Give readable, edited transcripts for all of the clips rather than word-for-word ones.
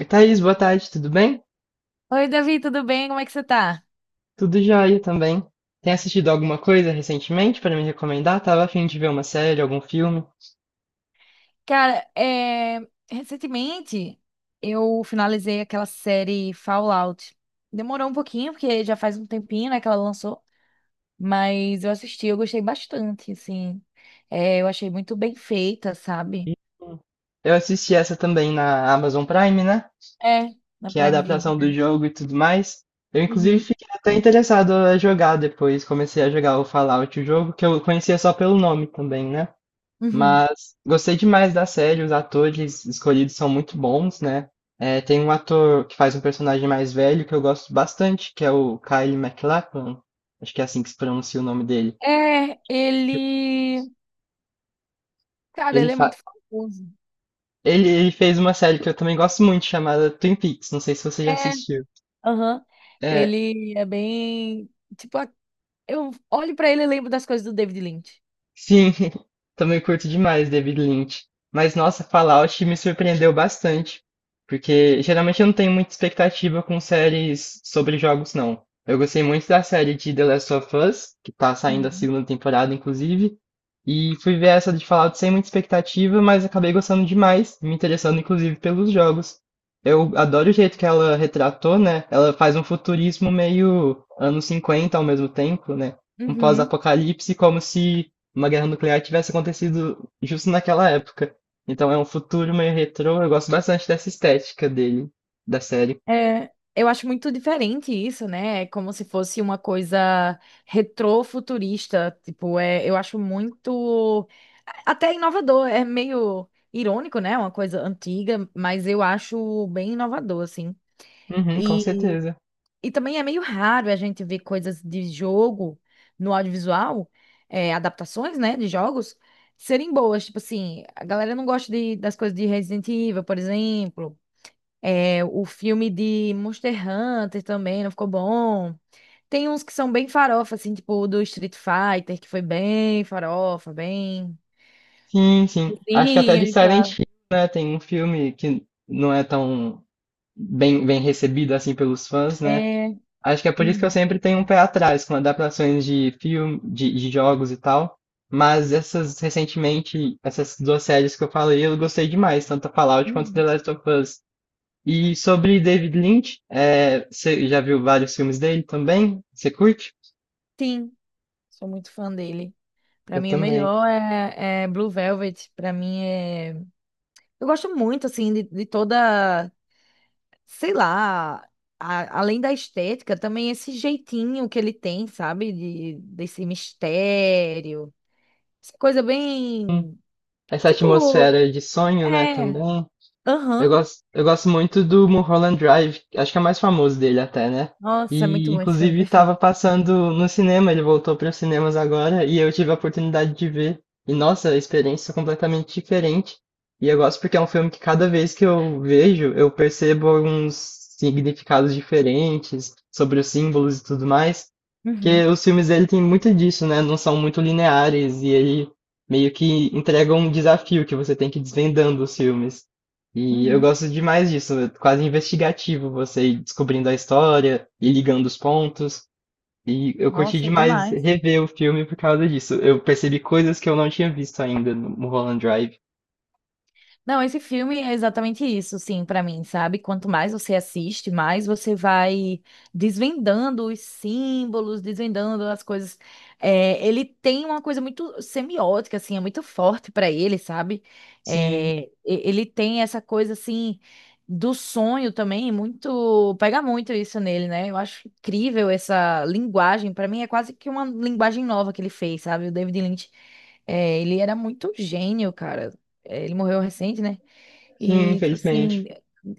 Oi, Thaís, boa tarde, tudo bem? Oi, Davi, tudo bem? Como é que você tá? Tudo jóia também. Tem assistido alguma coisa recentemente para me recomendar? Tava a fim de ver uma série, algum filme. Cara, recentemente eu finalizei aquela série Fallout. Demorou um pouquinho, porque já faz um tempinho, né, que ela lançou, mas eu assisti, eu gostei bastante, assim. É, eu achei muito bem feita, sabe? Hum. Eu assisti essa também na Amazon Prime, né? É, na Que é a Prime adaptação Video. do jogo e tudo mais. Eu, inclusive, Uhum, fiquei até interessado a jogar depois. Comecei a jogar o Fallout, o jogo, que eu conhecia só pelo nome também, né? uhum. Mas gostei demais da série, os atores escolhidos são muito bons, né? É, tem um ator que faz um personagem mais velho que eu gosto bastante, que é o Kyle MacLachlan, acho que é assim que se pronuncia o nome dele. É, Que ele. Cara, Ele, ele é fa... muito famoso. ele fez uma série que eu também gosto muito, chamada Twin Peaks, não sei se você já É, assistiu. aham. É, Ele é bem. Tipo, eu olho pra ele e lembro das coisas do David Lynch. sim, também curto demais David Lynch. Mas nossa, Fallout me surpreendeu bastante, porque geralmente eu não tenho muita expectativa com séries sobre jogos, não. Eu gostei muito da série de The Last of Us, que tá saindo a Uhum. segunda temporada, inclusive, e fui ver essa de Fallout sem muita expectativa, mas acabei gostando demais, me interessando inclusive pelos jogos. Eu adoro o jeito que ela retratou, né? Ela faz um futurismo meio anos 50 ao mesmo tempo, né? Um Uhum. pós-apocalipse como se uma guerra nuclear tivesse acontecido justo naquela época. Então é um futuro meio retrô, eu gosto bastante dessa estética dele, da série. É, eu acho muito diferente isso, né? É como se fosse uma coisa retrofuturista. Tipo, eu acho muito. Até inovador. É meio irônico, né? Uma coisa antiga, mas eu acho bem inovador, assim. Uhum, com E, certeza. e também é meio raro a gente ver coisas de jogo no audiovisual, adaptações, né? De jogos. Serem boas, tipo assim, a galera não gosta das coisas de Resident Evil, por exemplo. É, o filme de Monster Hunter também não ficou bom. Tem uns que são bem farofa, assim, tipo o do Street Fighter, que foi bem farofa, bem. Sim, sim. Acho que até Sim de e Silent tal. Hill, né? Tem um filme que não é tão bem recebido assim pelos fãs, né? É. Acho que é por isso que eu Uhum, sempre tenho um pé atrás com adaptações de filme, de jogos e tal. Mas essas recentemente, essas duas séries que eu falei, eu gostei demais, tanto a Fallout quanto The uhum. Last of Us. E sobre David Lynch, é, você já viu vários filmes dele também? Você curte? Sim, sou muito fã dele. Pra Eu mim, o também. melhor é Blue Velvet. Pra mim, é. Eu gosto muito, assim, de toda. Sei lá. Além da estética, também esse jeitinho que ele tem, sabe? Desse mistério. Essa coisa bem. Essa Tipo. atmosfera de sonho, né, É. também. Eu Aham. gosto, eu gosto muito do Mulholland Drive, acho que é o mais famoso dele até, né? Nossa, é muito E bom esse filme, inclusive perfeito. estava passando no cinema, ele voltou para os cinemas agora e eu tive a oportunidade de ver. E nossa, a experiência é completamente diferente. E eu gosto porque é um filme que cada vez que eu vejo, eu percebo alguns significados diferentes sobre os símbolos e tudo mais. Porque Uhum. os filmes dele tem muito disso, né? Não são muito lineares e ele meio que entrega um desafio que você tem que ir desvendando os filmes. E eu Uhum. gosto demais disso, é quase investigativo, você ir descobrindo a história e ligando os pontos. E eu curti Nossa, é demais demais. rever o filme por causa disso. Eu percebi coisas que eu não tinha visto ainda no Mulholland Drive. Não, esse filme é exatamente isso, sim, pra mim, sabe? Quanto mais você assiste, mais você vai desvendando os símbolos, desvendando as coisas. É, ele tem uma coisa muito semiótica, assim, é muito forte pra ele, sabe? Sim, É, ele tem essa coisa, assim, do sonho também, muito. Pega muito isso nele, né? Eu acho incrível essa linguagem. Pra mim, é quase que uma linguagem nova que ele fez, sabe? O David Lynch, ele era muito gênio, cara. Ele morreu recente, né? sim, E, tipo assim, infelizmente.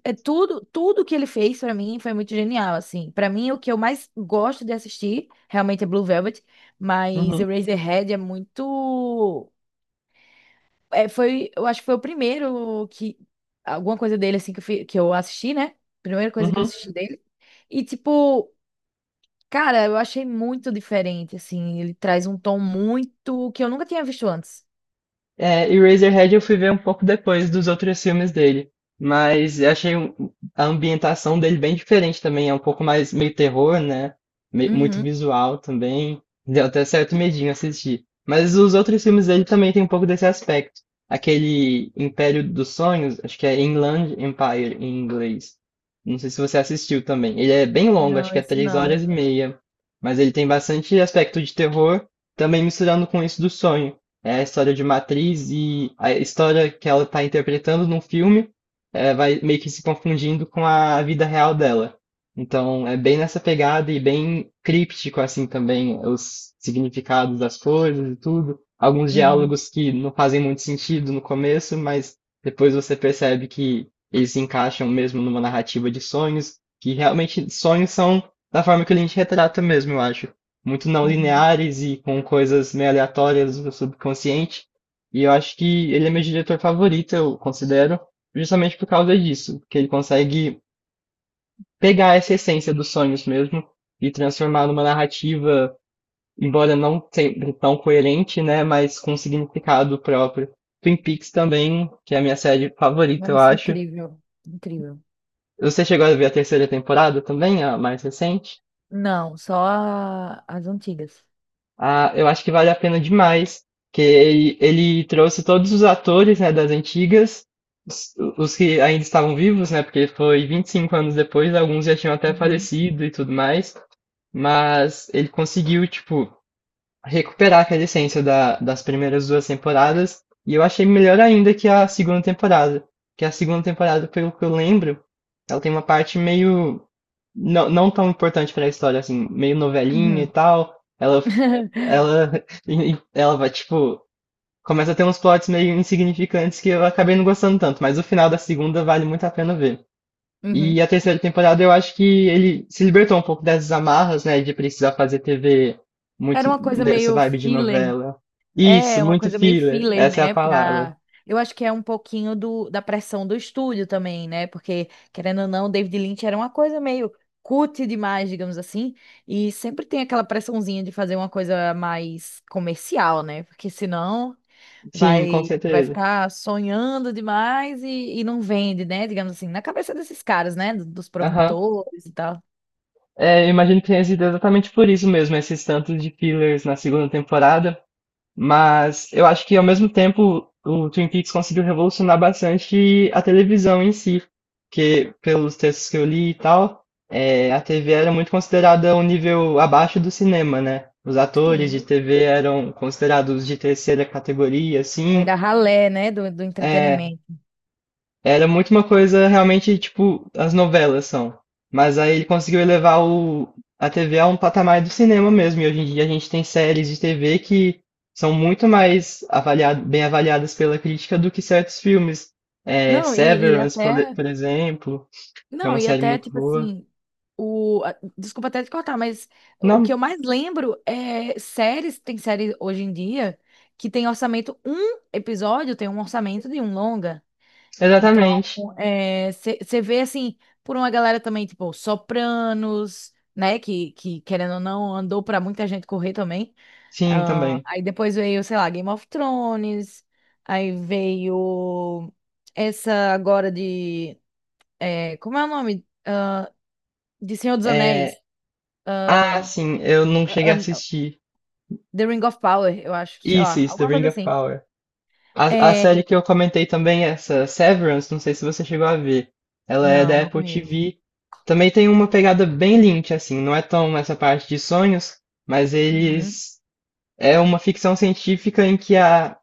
é tudo que ele fez pra mim foi muito genial, assim. Pra mim, o que eu mais gosto de assistir realmente é Blue Velvet, mas Uhum, Eraserhead é muito. É, eu acho que foi o primeiro que. Alguma coisa dele, assim, que eu assisti, né? Primeira coisa que eu uhum. assisti dele. E, tipo, cara, eu achei muito diferente, assim. Ele traz um tom muito que eu nunca tinha visto antes. É, e Eraserhead eu fui ver um pouco depois dos outros filmes dele. Mas eu achei a ambientação dele bem diferente também. É um pouco mais meio terror, né? Muito Uhum. visual também. Deu até certo medinho assistir. Mas os outros filmes dele também tem um pouco desse aspecto. Aquele Império dos Sonhos, acho que é Inland Empire em inglês. Não sei se você assistiu também. Ele é bem longo, acho Não, que é esse três horas não. e meia. Mas ele tem bastante aspecto de terror, também misturando com isso do sonho. É a história de uma atriz e a história que ela está interpretando num filme, vai meio que se confundindo com a vida real dela. Então, é bem nessa pegada e bem críptico, assim, também, os significados das coisas e tudo. Alguns Uhum. diálogos que não fazem muito sentido no começo, mas depois você percebe que eles se encaixam mesmo numa narrativa de sonhos, que realmente sonhos são da forma que a gente retrata mesmo, eu acho muito não Uhum. lineares e com coisas meio aleatórias do subconsciente. E eu acho que ele é meu diretor favorito, eu considero, justamente por causa disso, que ele consegue pegar essa essência dos sonhos mesmo e transformar numa narrativa, embora não sempre tão coerente, né, mas com significado próprio. Twin Peaks também, que é a minha série favorita, eu Nossa, acho. incrível. Incrível. Você chegou a ver a terceira temporada também, a mais recente? Não, só as antigas. Ah, eu acho que vale a pena demais, que ele trouxe todos os atores, né, das antigas, os que ainda estavam vivos, né, porque foi 25 anos depois, alguns já tinham até Uhum. falecido e tudo mais, mas ele conseguiu, tipo, recuperar aquela essência da, das primeiras duas temporadas. E eu achei melhor ainda que a segunda temporada. Que a segunda temporada, pelo que eu lembro, ela tem uma parte meio. Não, não tão importante para a história, assim, meio novelinha e Uhum. tal. Ela. Ela. E Ela vai, tipo, começa a ter uns plots meio insignificantes que eu acabei não gostando tanto, mas o final da segunda vale muito a pena ver. E Uhum. a terceira temporada eu acho que ele se libertou um pouco dessas amarras, né, de precisar fazer TV Era muito uma coisa nessa meio vibe de filler. novela. Isso, É, uma muito coisa meio filler, filler, essa é a né? palavra. Pra. Eu acho que é um pouquinho da pressão do estúdio também, né? Porque, querendo ou não, David Lynch era uma coisa meio cult demais, digamos assim. E sempre tem aquela pressãozinha de fazer uma coisa mais comercial, né? Porque senão. Sim, com Vai certeza. ficar sonhando demais e não vende, né? Digamos assim, na cabeça desses caras, né? Dos Aham. produtores e tal. É, eu imagino que tenha sido exatamente por isso mesmo, esses tantos de fillers na segunda temporada. Mas eu acho que ao mesmo tempo o Twin Peaks conseguiu revolucionar bastante a televisão em si, porque pelos textos que eu li e tal, a TV era muito considerada um nível abaixo do cinema, né? Os atores de Sim. TV eram considerados de terceira categoria, É assim. da ralé, né? Do É, entretenimento. era muito uma coisa realmente tipo as novelas são. Mas aí ele conseguiu elevar a TV a um patamar do cinema mesmo. E hoje em dia a gente tem séries de TV que são muito mais avaliado, bem avaliadas pela crítica do que certos filmes. É, Não, e Severance, até. por exemplo, é Não, uma e série até, muito tipo boa. assim. Desculpa até te cortar, mas o que eu Não, mais lembro é séries. Tem série hoje em dia que tem orçamento. Um episódio tem um orçamento de um longa. Então, exatamente. você vê assim, por uma galera também, tipo, sopranos, né? Que querendo ou não, andou pra muita gente correr também. Sim, Ah, também. aí depois veio, sei lá, Game of Thrones. Aí veio essa agora de. Como é o nome? De Senhor dos É, Anéis. ah, sim, eu não cheguei a An- assistir. The Ring of Power, eu acho, sei Isso, lá, isso, The alguma Ring coisa of assim. Power. A É, série que eu comentei também, essa Severance, não sei se você chegou a ver. Ela é não, da não Apple conheço. TV. Também tem uma pegada bem Lynch, assim, não é tão essa parte de sonhos, mas Uhum. eles. É uma ficção científica em que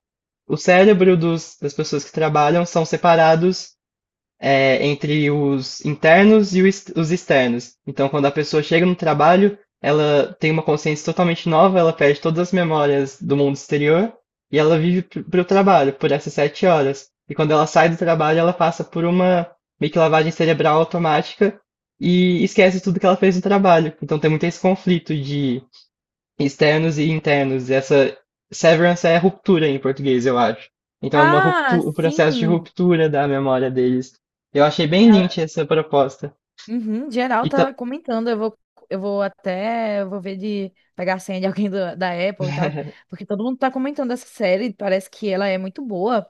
o cérebro das pessoas que trabalham são separados, entre os internos e o os externos. Então, quando a pessoa chega no trabalho, ela tem uma consciência totalmente nova, ela perde todas as memórias do mundo exterior e ela vive para o trabalho, por essas 7 horas. E quando ela sai do trabalho, ela passa por uma meio que lavagem cerebral automática e esquece tudo que ela fez no trabalho. Então, tem muito esse conflito de externos e internos. Essa severance é ruptura em português, eu acho. Então é uma Ah, o processo de sim! ruptura da memória deles. Eu achei bem lynch essa proposta. Uhum, geral E ta- tá comentando, eu vou ver de pegar a senha de alguém da Apple e tal, porque todo mundo tá comentando essa série, parece que ela é muito boa,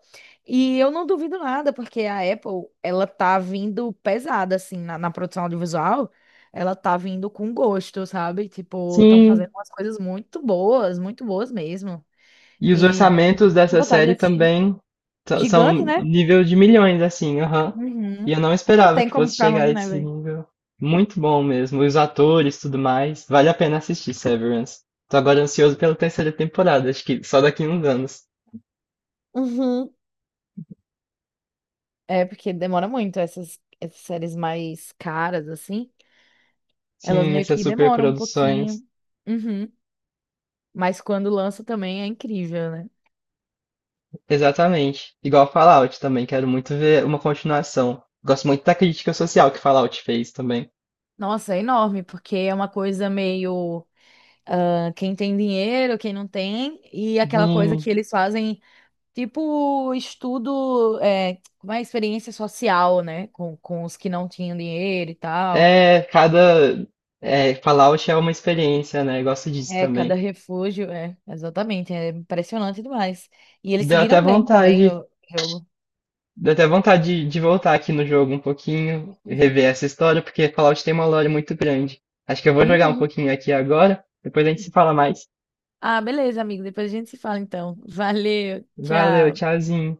e eu não duvido nada, porque a Apple, ela tá vindo pesada, assim, na produção audiovisual, ela tá vindo com gosto, sabe? Tipo, estão sim, fazendo umas coisas muito boas mesmo, e os e dá orçamentos muita dessa vontade de série assistir. também Gigante, são né? nível de milhões, assim, aham. E Uhum. eu não Não esperava tem que como fosse ficar chegar a ruim, né, esse velho? nível. Muito bom mesmo. Os atores, tudo mais. Vale a pena assistir Severance. Tô agora ansioso pela terceira temporada, acho que só daqui a uns anos. É, porque demora muito essas séries mais caras, assim. Elas Sim, meio essas que demoram um superproduções. pouquinho. Uhum. Mas quando lança também é incrível, né? Exatamente. Igual Fallout também, quero muito ver uma continuação. Gosto muito da crítica social que Fallout fez também. Nossa, é enorme, porque é uma coisa meio quem tem dinheiro, quem não tem, e aquela coisa que Hum, eles fazem, tipo estudo, como é experiência social, né? Com os que não tinham dinheiro e tal. é, cada. É, Fallout é uma experiência, né? Eu gosto disso É, também. cada refúgio, é, exatamente, é impressionante demais. E eles Deu até seguiram bem também vontade. o jogo. Deu até vontade de voltar aqui no jogo um pouquinho, Uhum. rever essa história, porque Fallout tem uma lore muito grande. Acho que eu vou jogar um Uhum. pouquinho aqui agora, depois a gente se fala mais. Ah, beleza, amigo. Depois a gente se fala então. Valeu, Valeu, tchau. tchauzinho.